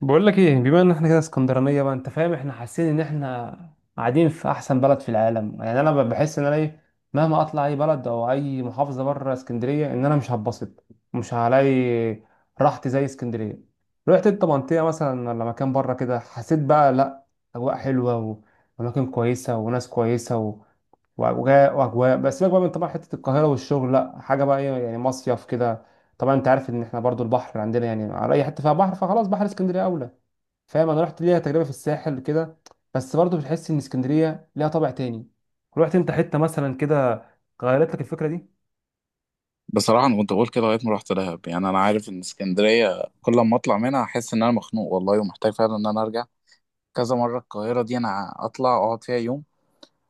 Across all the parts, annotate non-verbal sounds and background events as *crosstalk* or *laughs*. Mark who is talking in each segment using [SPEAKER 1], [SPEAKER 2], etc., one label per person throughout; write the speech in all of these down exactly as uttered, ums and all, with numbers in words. [SPEAKER 1] بقول لك ايه، بما ان احنا كده اسكندرانيه بقى، انت فاهم، احنا حاسين ان احنا قاعدين في احسن بلد في العالم. يعني انا بحس ان انا ايه، مهما اطلع اي بلد او اي محافظه بره اسكندريه، ان انا مش هتبسط، مش هلاقي راحتي زي اسكندريه. رحت انت منطقه مثلا ولا مكان بره كده حسيت بقى لا؟ اجواء حلوه، واماكن كويسه وناس كويسه و... واجواء واجواء. بس سيبك بقى من طبعا حته القاهره والشغل، لا حاجه بقى ايه يعني، مصيف كده. طبعا انت عارف ان احنا برضو البحر عندنا، يعني على اي حته فيها بحر فخلاص بحر اسكندريه اولى، فاهم؟ انا رحت ليها تجربه في الساحل كده، بس برضه بتحس ان اسكندريه ليها طابع تاني. رحت انت حته مثلا كده غيرت لك الفكره دي؟
[SPEAKER 2] بصراحة أنا كنت بقول كده لغاية ما رحت دهب. يعني أنا عارف إن اسكندرية كل ما أطلع منها أحس إن أنا مخنوق والله، ومحتاج فعلا إن أنا أرجع. كذا مرة القاهرة دي أنا أطلع أقعد فيها يوم،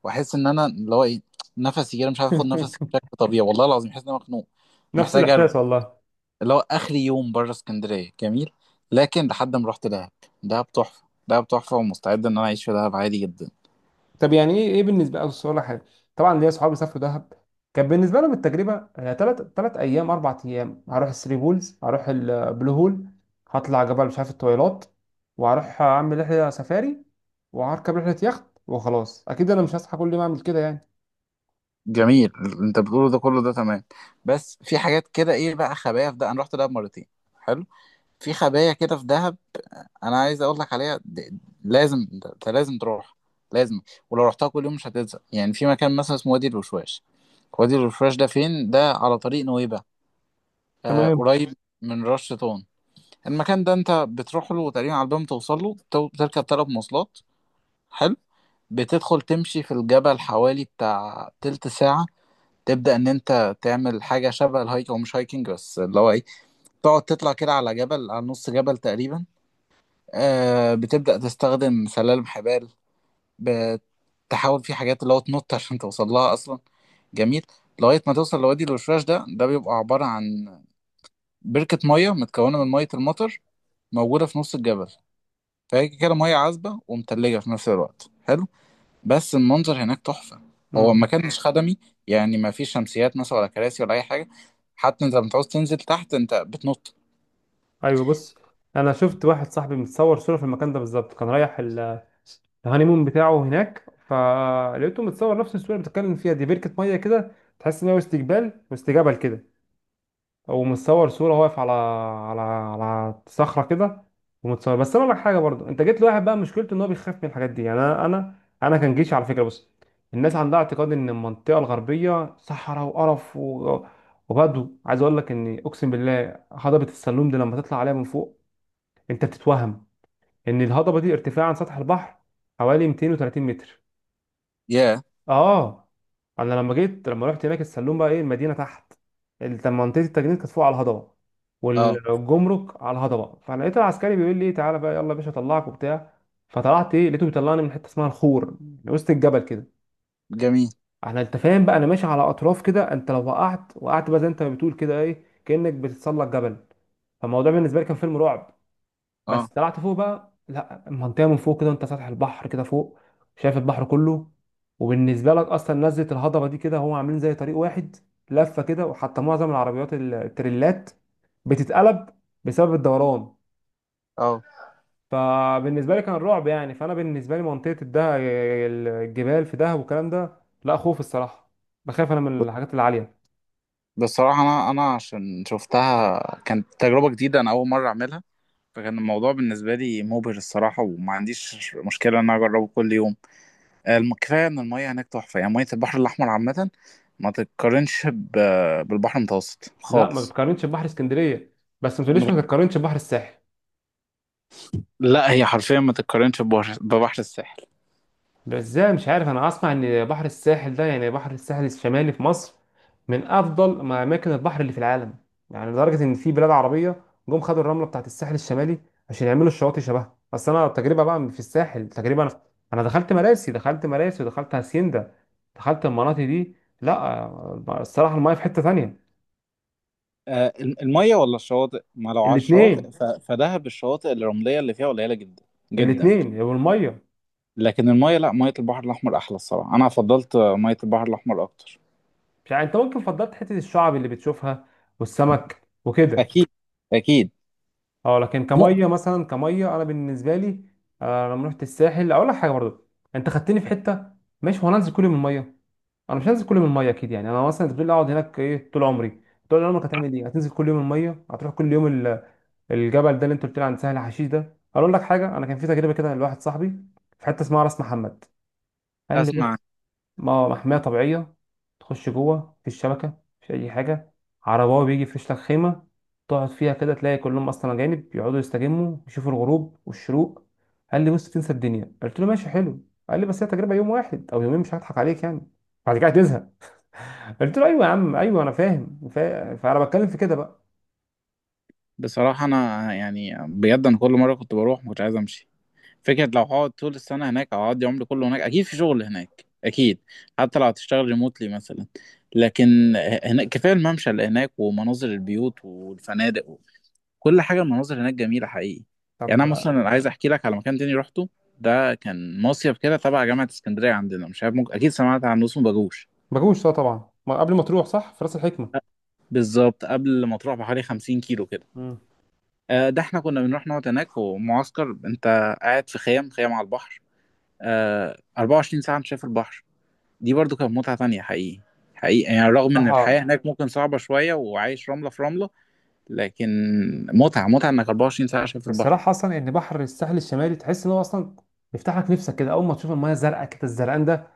[SPEAKER 2] وأحس إن أنا اللي هو إيه نفسي كده، مش عارف آخد نفسي
[SPEAKER 1] *laughs*
[SPEAKER 2] بشكل طبيعي. والله العظيم أحس إن أنا مخنوق،
[SPEAKER 1] نفس
[SPEAKER 2] محتاج أرجع.
[SPEAKER 1] الاحساس والله.
[SPEAKER 2] اللي هو آخر يوم بره اسكندرية جميل، لكن لحد ما رحت دهب. دهب تحفة، دهب تحفة، ومستعد إن أنا أعيش في دهب عادي جدا.
[SPEAKER 1] طب يعني ايه ايه بالنسبه لي، اقول لك حاجه، طبعا ليا اصحابي سافروا دهب، كان بالنسبه لهم التجربه ثلاث ثلاث ايام اربع ايام، هروح الثري بولز، هروح البلو هول، هطلع جبل مش عارف الطويلات، وهروح اعمل رحله سفاري، وهركب رحله يخت. وخلاص اكيد انا مش هصحى كل يوم اعمل كده يعني.
[SPEAKER 2] جميل اللي أنت بتقوله ده كله، ده تمام. بس في حاجات كده، إيه بقى، خبايا في ده. أنا رحت دهب مرتين. حلو. في خبايا كده في دهب. انا عايز اقول لك عليها د- لازم، انت لازم تروح. لازم. ولو رحتها كل يوم مش هتزهق. يعني في مكان مثلا اسمه وادي الوشواش. وادي الوشواش ده فين؟ ده على طريق نويبع. آه
[SPEAKER 1] تمام.
[SPEAKER 2] قريب. من رش طون. المكان ده انت بتروح له تقريبا على الباب، توصل له تو- بتركب ثلاث مواصلات. حلو. بتدخل تمشي في الجبل حوالي بتاع تلت ساعة. تبدأ إن أنت تعمل حاجة شبه الهايك، أو مش هايكنج بس اللي هو إيه تقعد تطلع كده على جبل، على نص جبل تقريبا. آه، بتبدأ تستخدم سلالم حبال. بتحاول في حاجات اللي هو تنط عشان توصل لها اصلا. جميل. لغايه ما توصل لوادي الوشواش. ده ده بيبقى عباره عن بركه ميه متكونه من ميه المطر، موجوده في نص الجبل. فهي كده ميه عذبه ومتلجه في نفس الوقت. حلو. بس المنظر هناك تحفه. هو
[SPEAKER 1] مم.
[SPEAKER 2] المكان مش خدمي. يعني ما فيش شمسيات مثلا، ولا كراسي، ولا اي حاجه. حتى انت لما تعوز تنزل تحت انت بتنط.
[SPEAKER 1] ايوه بص، انا شفت واحد صاحبي متصور صوره في المكان ده بالظبط، كان رايح ال- الهانيمون بتاعه هناك، فلقيته متصور نفس الصوره اللي بتتكلم فيها دي، بركه ميه كده. تحس ان هو استقبال واستجابه كده، او متصور صوره واقف على على على صخره كده ومتصور. بس انا اقول لك حاجه برضو، انت جيت لواحد بقى مشكلته ان هو بيخاف من الحاجات دي، يعني انا انا انا كان جيش على فكره. بص، الناس عندها اعتقاد ان المنطقه الغربيه صحراء وقرف و... وبدو. عايز اقول لك اني اقسم بالله هضبه السلوم دي لما تطلع عليها من فوق انت بتتوهم ان الهضبه دي ارتفاع عن سطح البحر حوالي مئتين وثلاثين متر.
[SPEAKER 2] ياه.
[SPEAKER 1] اه. انا لما جيت لما رحت هناك السلوم بقى ايه، المدينه تحت، ال- منطقه التجنيد كانت فوق على الهضبه،
[SPEAKER 2] اه.
[SPEAKER 1] والجمرك على الهضبه. فلقيت العسكري بيقول لي ايه، تعالى بقى يلا يا باشا اطلعك وبتاع. فطلعت ايه، لقيته بيطلعني من حته اسمها الخور، من وسط الجبل كده.
[SPEAKER 2] جميل.
[SPEAKER 1] احنا انت فاهم بقى انا ماشي على اطراف كده، انت لو وقعت وقعت بقى، زي انت ما بتقول كده ايه، كانك بتتسلق جبل. فالموضوع بالنسبه لي كان فيلم رعب. بس
[SPEAKER 2] اه.
[SPEAKER 1] طلعت فوق بقى لا، المنطقه من فوق كده انت سطح البحر كده فوق، شايف البحر كله. وبالنسبه لك اصلا نزله الهضبه دي كده هم عاملين زي طريق واحد لفه كده، وحتى معظم العربيات ال- التريلات بتتقلب بسبب الدوران.
[SPEAKER 2] اه.
[SPEAKER 1] فبالنسبه لي كان رعب يعني. فانا بالنسبه لي منطقه الده الجبال في دهب والكلام ده لا خوف الصراحه، بخاف انا من الحاجات العاليه.
[SPEAKER 2] بصراحه انا انا عشان شفتها كانت تجربه جديده، انا اول مره اعملها. فكان الموضوع بالنسبة لي مبهر الصراحة، وما عنديش مشكلة إن أنا أجربه كل يوم. آه، الم- كفاية إن المية هناك تحفة. يعني مية البحر الأحمر عامة ما تتقارنش ب- بالبحر المتوسط
[SPEAKER 1] لا ما
[SPEAKER 2] خالص.
[SPEAKER 1] بتقارنش ببحر اسكندريه، بس ما
[SPEAKER 2] ما
[SPEAKER 1] تقوليش ما
[SPEAKER 2] تت-
[SPEAKER 1] تقارنش ببحر الساحل.
[SPEAKER 2] لا، هي حرفيا ما تتقارنش ببحر ببحر الساحل.
[SPEAKER 1] ده ازاي؟ مش عارف، انا اسمع ان بحر الساحل ده، يعني بحر الساحل الشمالي في مصر، من افضل ما اماكن البحر اللي في العالم، يعني لدرجه ان في بلاد عربيه جم خدوا الرمله بتاعت الساحل الشمالي عشان يعملوا الشواطئ شبهها. بس انا التجربه بقى في الساحل تجربه، انا انا دخلت مراسي، دخلت مراسي ودخلت هاسيندا، دخلت المناطق دي، لا. آه، الصراحه المايه في حته تانية.
[SPEAKER 2] آه، المية ولا الشواطئ؟ ما لو على الشواطئ
[SPEAKER 1] الاثنين،
[SPEAKER 2] ف- فدهب الشواطئ الرملية اللي فيها قليلة جدا. جدا.
[SPEAKER 1] الاثنين والميه.
[SPEAKER 2] لكن المية لا، مية البحر الأحمر أحلى الصراحة. أنا فضلت آه، مية البحر الأحمر أكتر.
[SPEAKER 1] مش عارف، انت ممكن فضلت حته الشعب اللي بتشوفها والسمك وكده.
[SPEAKER 2] أكيد. أكيد.
[SPEAKER 1] اه لكن
[SPEAKER 2] مو-
[SPEAKER 1] كميه مثلا، كميه انا بالنسبه لي. آه لما رحت الساحل اقول لك حاجه برضه، انت خدتني في حته ماشي، هو انا انزل كل يوم الميه؟ انا مش هنزل كل يوم الميه اكيد يعني. انا مثلا انت بتقول لي اقعد هناك ايه طول عمري؟ طول عمرك هتعمل ايه؟ هتنزل كل يوم الميه؟ هتروح كل يوم ال- الجبل ده اللي انت قلت لي عن سهل حشيش ده؟ اقول لك حاجه، انا كان في تجربه كده لواحد صاحبي في حته اسمها راس محمد. قال لي
[SPEAKER 2] اسمع.
[SPEAKER 1] بص، ما- محمية طبيعية، تخش جوه مفيش شبكة، مفيش أي حاجة، عرباوي بيجي يفرش لك خيمة تقعد فيها كده، تلاقي كلهم أصلا أجانب يقعدوا يستجموا يشوفوا الغروب والشروق. قال لي بص، تنسى الدنيا. قلت له ماشي حلو. قال لي بس هي تجربة يوم واحد أو يومين، مش هضحك عليك يعني، بعد كده هتزهق. قلت له أيوه يا عم، أيوه أنا فاهم، فا- فأنا بتكلم في كده بقى.
[SPEAKER 2] بصراحة أنا يعني بجد، أنا كل مرة كنت بروح ما كنتش عايز أمشي. فكرة لو هقعد طول السنة هناك، أو هقضي عمري كله هناك، أكيد في شغل هناك أكيد. حتى لو هتشتغل ريموتلي مثلا. لكن هناك كفاية الممشى اللي هناك ومناظر البيوت والفنادق وكل حاجة. المناظر هناك جميلة حقيقي. يعني
[SPEAKER 1] طب
[SPEAKER 2] أنا مثلا عايز أحكي لك على مكان تاني روحته. ده كان مصيف كده تبع جامعة اسكندرية عندنا، مش عارف ممكن أكيد سمعت عنه، اسمه باجوش.
[SPEAKER 1] مجوش طبعا، ما قبل ما تروح صح في راس الحكمة.
[SPEAKER 2] بالظبط قبل ما تروح بحوالي 50 كيلو كده.
[SPEAKER 1] مم.
[SPEAKER 2] آه، ده احنا كنا بنروح نقعد هناك ومعسكر. انت قاعد في خيام، خيام على البحر. آه، 24 ساعة انت شايف البحر. دي برضو كانت متعة تانية حقيقي. حقيقي، يعني رغم ان الحياة
[SPEAKER 1] صراحة
[SPEAKER 2] هناك ممكن صعبة شوية، وعايش رملة في رملة. لكن متعة، متعة انك 24 ساعة شايف البحر.
[SPEAKER 1] الصراحه اصلا ان بحر الساحل الشمالي تحس ان هو اصلا يفتح لك نفسك كده، اول ما تشوف المايه الزرقاء كده الزرقان ده،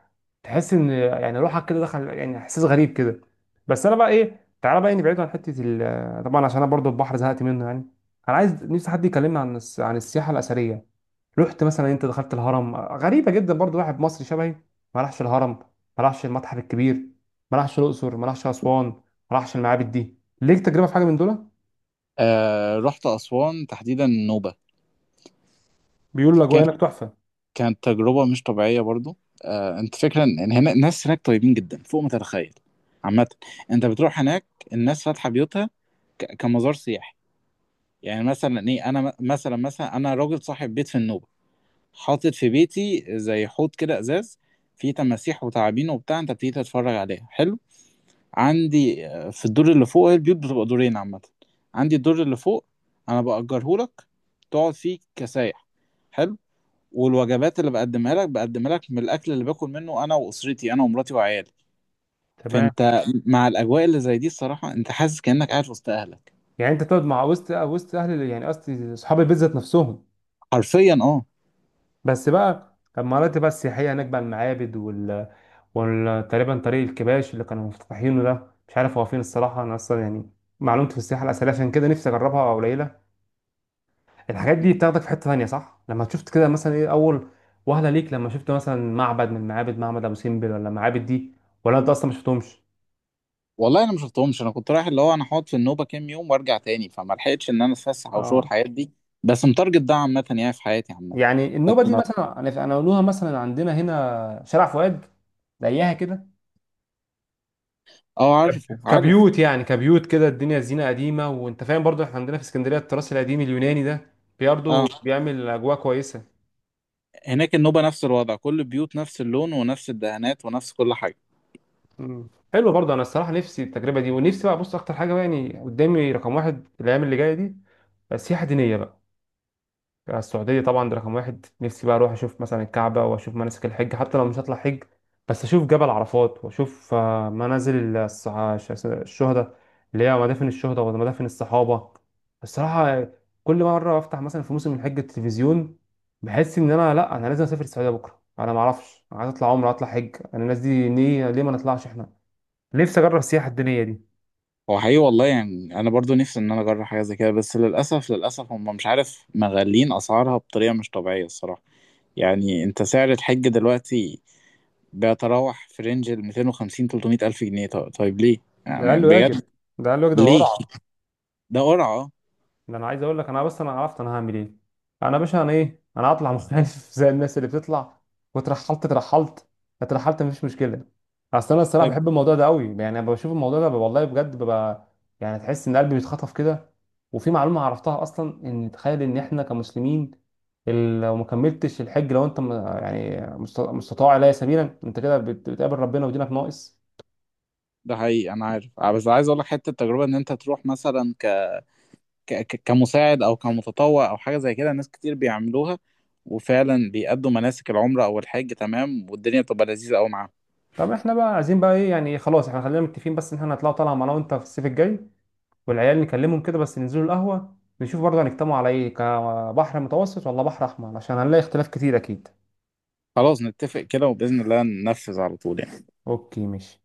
[SPEAKER 1] تحس ان يعني روحك كده دخل، يعني احساس غريب كده. بس انا بقى ايه، تعالى بقى نبعد عن حته ال- طبعا عشان انا برضو البحر زهقت منه يعني. انا عايز نفسي حد يكلمني عن الس- عن السياحه الاثريه. رحت مثلا؟ انت دخلت الهرم؟ غريبه جدا برضو واحد مصري شبهي ما راحش الهرم، ما راحش المتحف الكبير، ما راحش الاقصر، ما راحش اسوان، ما راحش المعابد دي. ليك تجربه في حاجه من دول؟
[SPEAKER 2] آه، رحت أسوان تحديدا النوبة.
[SPEAKER 1] بيقولوا الاجواء
[SPEAKER 2] كان
[SPEAKER 1] هناك تحفه.
[SPEAKER 2] كانت تجربة مش طبيعية برضو. آه، انت فكرة ان هنا الناس هناك طيبين جدا فوق ما تتخيل. عامة انت بتروح هناك الناس فاتحة بيوتها ك- كمزار سياحي. يعني مثلا ايه، انا م- مثلا مثلا انا راجل صاحب بيت في النوبه، حاطط في بيتي زي حوض كده ازاز فيه تماسيح وتعابين وبتاع، انت بتيجي تتفرج عليها. حلو. عندي آه، في الدور اللي فوق، هي البيوت بتبقى دورين عامه، عندي الدور اللي فوق انا بأجره لك تقعد فيه كسايح. حلو. والوجبات اللي بقدمها لك بقدمها لك من الاكل اللي باكل منه انا واسرتي، انا ومراتي وعيالي.
[SPEAKER 1] تمام.
[SPEAKER 2] فانت مع الاجواء اللي زي دي الصراحه انت حاسس كانك قاعد وسط اهلك.
[SPEAKER 1] يعني انت تقعد مع وسط وسط اهل ال- يعني قصدي اصحاب البيت ذات نفسهم.
[SPEAKER 2] حرفيا اه.
[SPEAKER 1] بس بقى المناطق بقى السياحيه هناك بقى المعابد وال وال- تقريبا طريق الكباش اللي كانوا مفتتحينه ده، مش عارف هو فين الصراحه، انا اصلا يعني معلومتي في السياحه الاثريه عشان كده نفسي اجربها قليله. الحاجات دي بتاخدك في حته ثانيه صح؟ لما شفت كده مثلا ايه اول وهله ليك، لما شفت مثلا معبد من معابد، معبد ابو سمبل ولا معابد دي؟ ولا انت اصلا ما شفتهمش؟
[SPEAKER 2] والله انا ما شفتهمش. انا كنت رايح، اللي هو انا هقعد في النوبه كام يوم وارجع تاني، فما لحقتش ان انا اتفسح او اشوف
[SPEAKER 1] اه.
[SPEAKER 2] الحاجات دي. بس متارجت ده عامه يعني، في حياتي عامه.
[SPEAKER 1] يعني النوبه دي
[SPEAKER 2] لكن-
[SPEAKER 1] مثلا انا، أنا اقولوها، مثلا عندنا هنا شارع فؤاد زيها كده.
[SPEAKER 2] اه،
[SPEAKER 1] كب-
[SPEAKER 2] عارفه عارف.
[SPEAKER 1] كبيوت يعني، كبيوت كده الدنيا زينة قديمة. وانت فاهم برضو احنا عندنا في اسكندرية التراث القديم اليوناني ده برضه
[SPEAKER 2] اه.
[SPEAKER 1] بيعمل اجواء كويسة.
[SPEAKER 2] هناك النوبه نفس الوضع، كل البيوت نفس اللون ونفس الدهانات ونفس كل حاجه.
[SPEAKER 1] مم. حلو. برضه انا الصراحة نفسي التجربة دي، ونفسي بقى، بص اكتر حاجة بقى يعني قدامي رقم واحد الايام اللي جاية دي سياحة دينية بقى، السعودية طبعا، ده رقم واحد. نفسي بقى أروح أشوف مثلا الكعبة وأشوف مناسك الحج حتى لو مش هطلع حج، بس أشوف جبل عرفات وأشوف آه، منازل الص- ش- الشهداء، اللي هي مدافن الشهداء ومدافن الصحابة. الصراحة كل مرة أفتح مثلا في موسم الحج التلفزيون بحس إن أنا لأ، أنا لازم أسافر السعودية بكرة. أنا معرفش، أنا عايز أطلع عمرة أطلع حج، أنا الناس دي ليه؟ ليه ما نطلعش إحنا؟ نفسي أجرب السياحة الدينية دي.
[SPEAKER 2] هو حقيقي والله، يعني انا برضو نفسي ان انا اجرب حاجه زي كده. بس للاسف، للاسف هم مش عارف مغلين اسعارها بطريقه مش طبيعيه الصراحه. يعني انت سعر الحج دلوقتي بيتراوح في رينج ال ميتين وخمسين تلتمية الف جنيه. طيب، طيب ليه؟
[SPEAKER 1] ده
[SPEAKER 2] يعني
[SPEAKER 1] أقل
[SPEAKER 2] بجد
[SPEAKER 1] واجب، ده أقل واجب، ده
[SPEAKER 2] ليه؟
[SPEAKER 1] ورع.
[SPEAKER 2] ده قرعة اه.
[SPEAKER 1] ده انا عايز اقول لك، انا بس انا عرفت انا هعمل ايه. انا يا باشا انا ايه، انا هطلع مختلف *laughs* زي الناس اللي بتطلع واترحلت، اترحلت، اترحلت مفيش مشكله. اصل انا الصراحه
[SPEAKER 2] طيب.
[SPEAKER 1] بحب الموضوع ده قوي، يعني انا بشوف الموضوع ده والله بجد ببقى يعني، تحس ان قلبي بيتخطف كده. وفي معلومه عرفتها اصلا، ان تخيل ان احنا كمسلمين ال- لو ما كملتش الحج، لو انت م- يعني مست- مستطاع اليه سبيلا، انت كده بت- بتقابل ربنا ودينك ناقص.
[SPEAKER 2] ده حقيقي انا عارف آه، بس عايز اقول لك حته التجربه ان انت تروح مثلا ك... ك... ك- كمساعد او كمتطوع او حاجه زي كده، ناس كتير بيعملوها وفعلا بيأدوا مناسك العمره او الحج. تمام، والدنيا بتبقى لذيذه قوي معاهم.
[SPEAKER 1] طب احنا بقى عايزين بقى ايه يعني، خلاص احنا خلينا متفقين بس ان احنا هنطلعوا طالعه معانا وانت في الصيف الجاي، والعيال نكلمهم كده، بس ننزلوا القهوة نشوف برضه هنجتمعوا على ايه، كبحر متوسط ولا بحر احمر، عشان هنلاقي اختلاف كتير اكيد.
[SPEAKER 2] خلاص نتفق كده، وباذن الله ننفذ على طول يعني.
[SPEAKER 1] اوكي ماشي.